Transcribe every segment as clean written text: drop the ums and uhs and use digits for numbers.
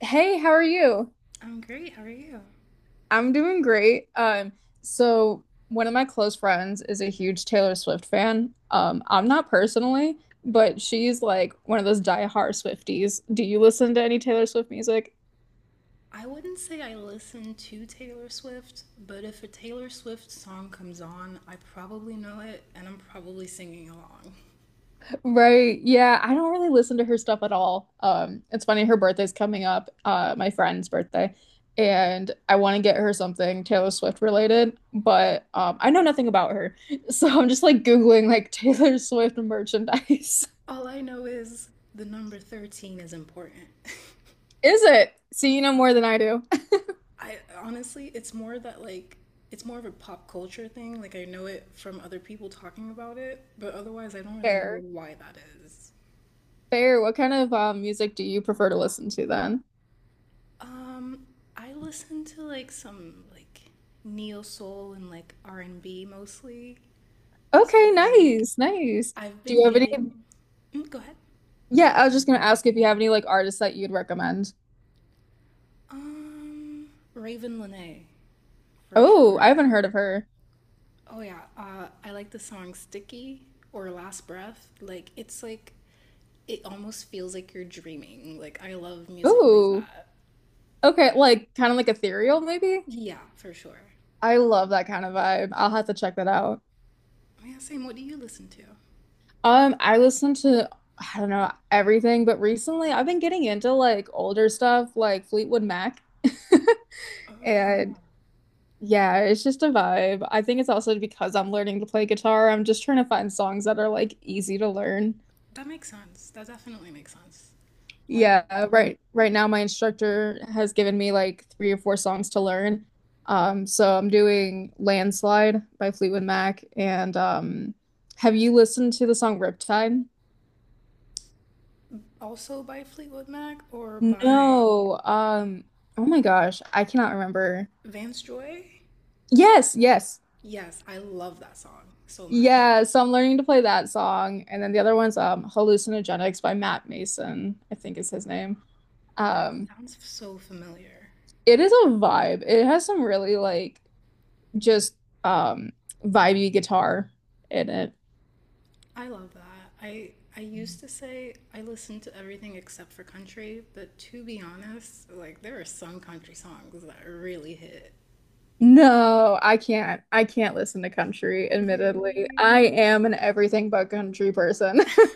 Hey, how are you? I'm great. How are you? I'm doing great. So one of my close friends is a huge Taylor Swift fan. I'm not personally, but she's like one of those die-hard Swifties. Do you listen to any Taylor Swift music? I wouldn't say I listen to Taylor Swift, but if a Taylor Swift song comes on, I probably know it and I'm probably singing along. Right. Yeah, I don't really listen to her stuff at all. It's funny, her birthday's coming up, my friend's birthday, and I want to get her something Taylor Swift related, but I know nothing about her. So I'm just like Googling like Taylor Swift merchandise. All I know is the number 13 is important. Is it? So you know more than I do. I honestly, it's more that it's more of a pop culture thing. Like I know it from other people talking about it, but otherwise I don't really know Fair. why that is. Fair. What kind of music do you prefer to listen to then? Um, I listen to like some neo soul and like R and B mostly. So Okay, like nice, nice. I've Do been you have any? getting. Mm, go ahead. Yeah, I was just gonna ask if you have any like artists that you'd recommend. Um, Raven Lene, for Oh, I sure. haven't heard of her. Oh yeah, I like the song "Sticky" or "Last Breath." Like it's like, it almost feels like you're dreaming. Like I love music like Oh, that. okay, like kind of like ethereal maybe. Yeah, for sure. I love that kind of vibe. I'll have to check that out. Oh, yeah, same. What do you listen to? I listen to I don't know everything, but recently I've been getting into like older stuff like Fleetwood Mac. Oh yeah, And yeah, it's just a vibe. I think it's also because I'm learning to play guitar. I'm just trying to find songs that are like easy to learn. that makes sense. That definitely makes sense. One Yeah, right. Right now my instructor has given me like three or four songs to learn. So I'm doing Landslide by Fleetwood Mac and have you listened to the song Riptide? also by Fleetwood Mac or by No. Oh my gosh, I cannot remember. Vance Joy? Yes, yes. Yes, I love that song so much. Yeah, so I'm learning to play that song. And then the other one's Hallucinogenics by Matt Mason, I think is his name. That Um sounds so familiar. it is a vibe. It has some really like just um vibey guitar in it. I love that. I used to say I listen to everything except for country, but to be honest, like there are some country songs that really hit. No, I can't. I can't listen to country, admittedly. Really? I am an everything but country person.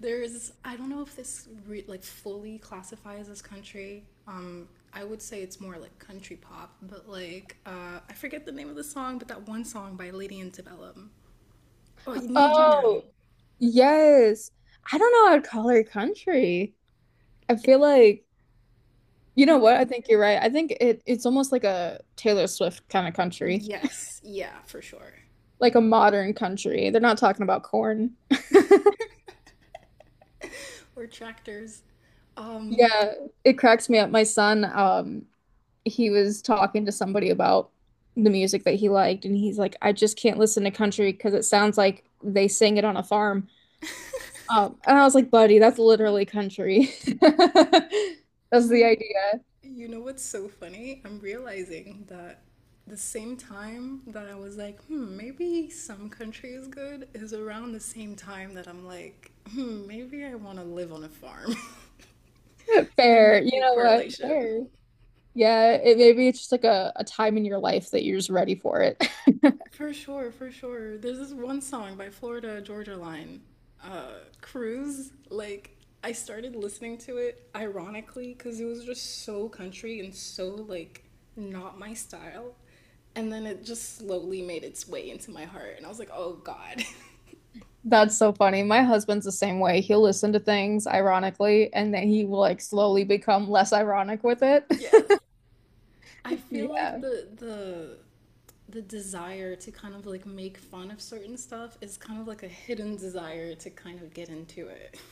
There's I don't know if this re like fully classifies as country. I would say it's more like country pop, but like I forget the name of the song, but that one song by Lady Antebellum. Oh, Need You Now. Oh, yes. I don't know. I'd call her country. I It's feel like you know yeah. what? I think you're right. I think it's almost like a Taylor Swift kind of country, Yes, yeah, for sure. like a modern country. They're not talking about corn. or tractors. Um, Yeah, it cracks me up. My son, he was talking to somebody about the music that he liked, and he's like, "I just can't listen to country because it sounds like they sing it on a farm." And I was like, "Buddy, that's literally country." That's the you idea. you know what's so funny? I'm realizing that the same time that I was like, hmm, maybe some country is good is around the same time that I'm like, hmm, maybe I want to live on a farm. There Fair. might be You a know what? correlation. Fair. Yeah, it maybe it's just like a time in your life that you're just ready for it. For sure, for sure. There's this one song by Florida Georgia Line, uh, Cruise. Like, I started listening to it ironically because it was just so country and so, like, not my style. And then it just slowly made its way into my heart. And I was like, oh, God. That's so funny. My husband's the same way. He'll listen to things ironically, and then he will like slowly become less ironic with it. yes. I feel like Yeah. the desire to kind of like make fun of certain stuff is kind of like a hidden desire to kind of get into it.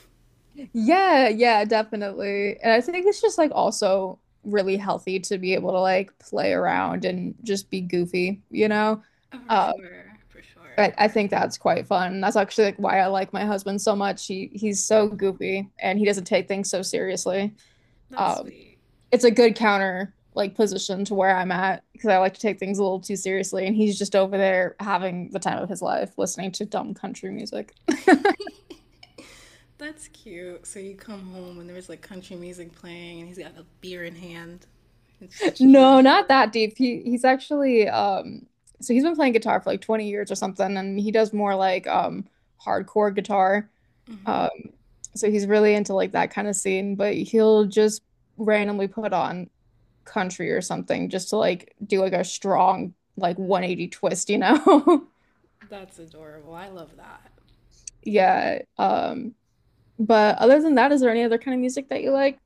Yeah, yeah, definitely. And I think it's just like also really healthy to be able to like play around and just be goofy. Oh, for Uh, sure, for sure. I think that's quite fun. That's actually like why I like my husband so much. He's so Aw, goofy and he doesn't take things so seriously. that's Um, sweet. it's a good counter like position to where I'm at because I like to take things a little too seriously. And he's just over there having the time of his life listening to dumb country music. That's cute. So you come home and there's like country music playing and he's got a beer in hand and just No, chilling. not that deep. He's actually so he's been playing guitar for like 20 years or something, and he does more like hardcore guitar. Um so he's really into like that kind of scene, but he'll just randomly put on country or something just to like do like a strong like 180 twist. That's adorable. I love that. Yeah. But other than that, is there any other kind of music that you like?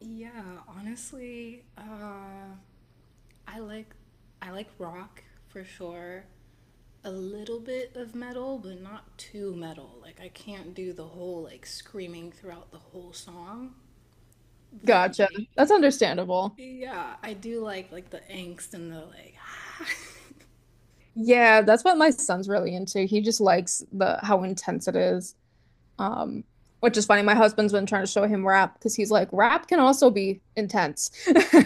Yeah, honestly, I like I like rock for sure. A little bit of metal, but not too metal. Like I can't do the whole like screaming throughout the whole song, but Gotcha. like That's understandable. Yeah, I do like the angst and the like Yeah, that's what my son's really into. He just likes the how intense it is. Um, which is funny. My husband's been trying to show him rap because he's like, rap can also be intense.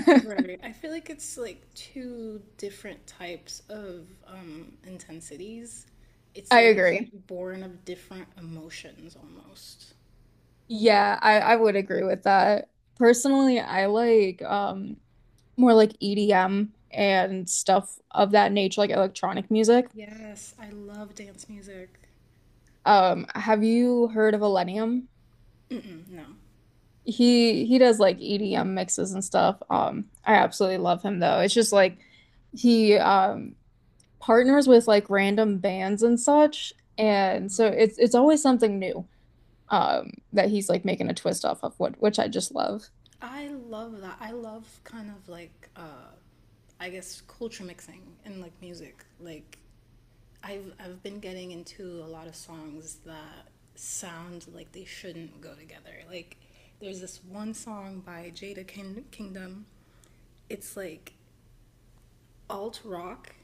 Right. I feel like it's like two different types of intensities. It's I like agree. born of different emotions almost. I would agree with that. Personally, I like more like EDM and stuff of that nature, like electronic music. Yes, I love dance music. Have you heard of Millennium? Mm-mm, no. He does like EDM mixes and stuff. I absolutely love him though. It's just like he partners with like random bands and such, and so it's always something new that he's like making a twist off of what which I just love. I love that. I love kind of like I guess culture mixing and like music. Like I've been getting into a lot of songs that sound like they shouldn't go together. Like there's this one song by Jada King- Kingdom. It's like alt rock,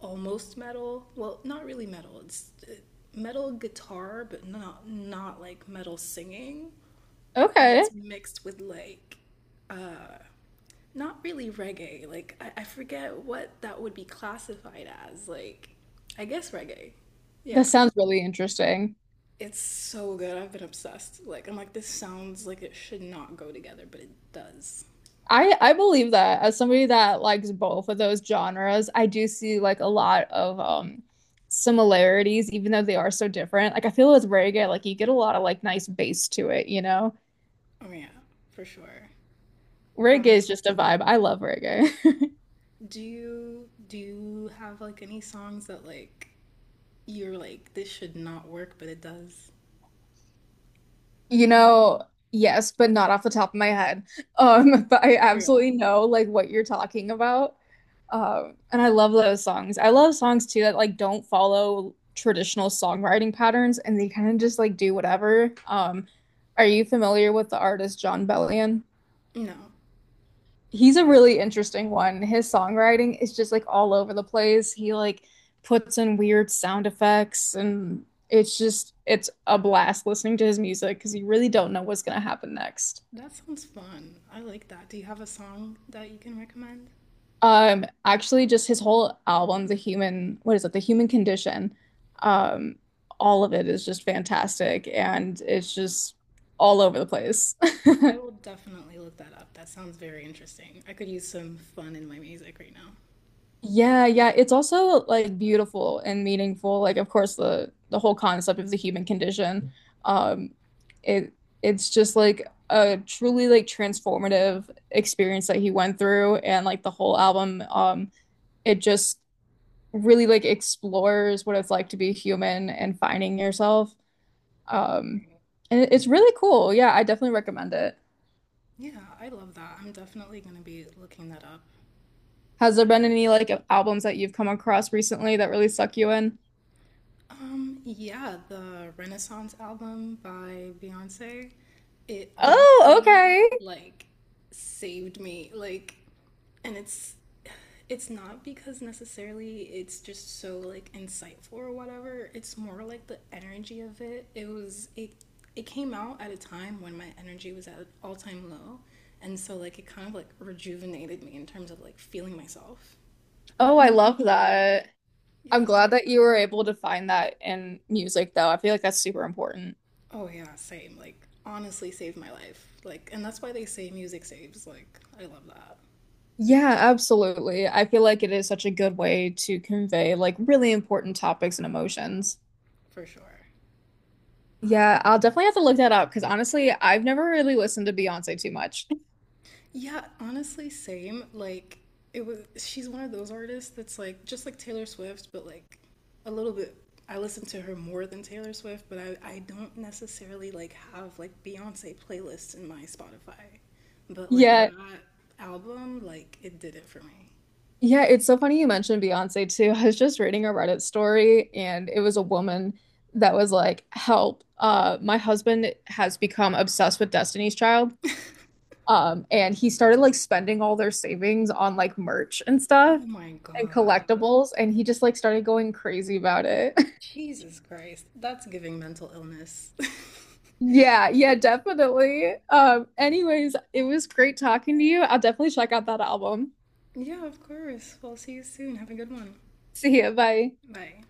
almost metal. Well, not really metal. It's metal guitar, but not like metal singing. And Okay. it's mixed with like not really reggae. Like I forget what that would be classified as. Like I guess reggae. Yeah. That sounds really interesting. It's so good. I've been obsessed. Like, I'm like, this sounds like it should not go together, but it does. I believe that as somebody that likes both of those genres, I do see like a lot of similarities, even though they are so different. Like I feel with reggae, like you get a lot of like nice bass to it. Oh yeah, for sure. Reggae Um, is just a vibe. I love reggae. do you have like any songs that like you're like this should not work, but it does? You know, yes, but not off the top of my head. But I Real. absolutely know like what you're talking about. And I love those songs. I love songs too that like don't follow traditional songwriting patterns and they kind of just like do whatever. Are you familiar with the artist John Bellion? No. He's a really interesting one. His songwriting is just like all over the place. He like puts in weird sound effects and it's just it's a blast listening to his music because you really don't know what's gonna happen next. That sounds fun. I like that. Do you have a song that you can recommend? Actually just his whole album, The Human what is it, The Human Condition, um, all of it is just fantastic and it's just all over the place. I will definitely look that up. That sounds very interesting. I could use some fun in my music right now. Yeah, yeah, it's also like beautiful and meaningful. Like, of course, the whole concept of the human condition, um, it it's just like a truly like transformative experience that he went through, and like the whole album, it just really like explores what it's like to be human and finding yourself. Um, and it's really cool. Yeah, I definitely recommend it. Yeah, I love that. I'm definitely gonna be looking that up. Has there been any like albums that you've come across recently that really suck you in? Yeah, the Renaissance album by Beyonce, it Oh, honestly okay. like saved me. Like, and it's not because necessarily it's just so like insightful or whatever. It's more like the energy of it. It was it it came out at a time when my energy was at an all-time low, and so like it kind of like rejuvenated me in terms of like feeling myself. Oh, I love that. I'm Yeah, glad same. that you were able to find that in music, though. I feel like that's super important. Oh yeah, same. Like honestly saved my life. Like and that's why they say music saves. Like I love that Yeah, absolutely. I feel like it is such a good way to convey like really important topics and emotions. for sure. Yeah, I'll definitely have to look that up because honestly, I've never really listened to Beyonce too much. Yeah, honestly same. Like it was she's one of those artists that's like just like Taylor Swift, but like a little bit I listen to her more than Taylor Swift, but I don't necessarily like have like Beyonce playlists in my Spotify. But like Yeah, that album, like it did it for me. yeah, it's so funny you mentioned Beyonce too. I was just reading a Reddit story and it was a woman that was like, "Help, my husband has become obsessed with Destiny's Child." And he started like spending all their savings on like merch and stuff Oh my and God. collectibles, and he just like started going crazy about it. Jesus Christ. That's giving mental illness. Yeah, yeah, Like, definitely. Anyways, it was great talking to you. I'll definitely check out that album. yeah, of course. Well, see you soon. Have a good one. See you. Bye. Bye.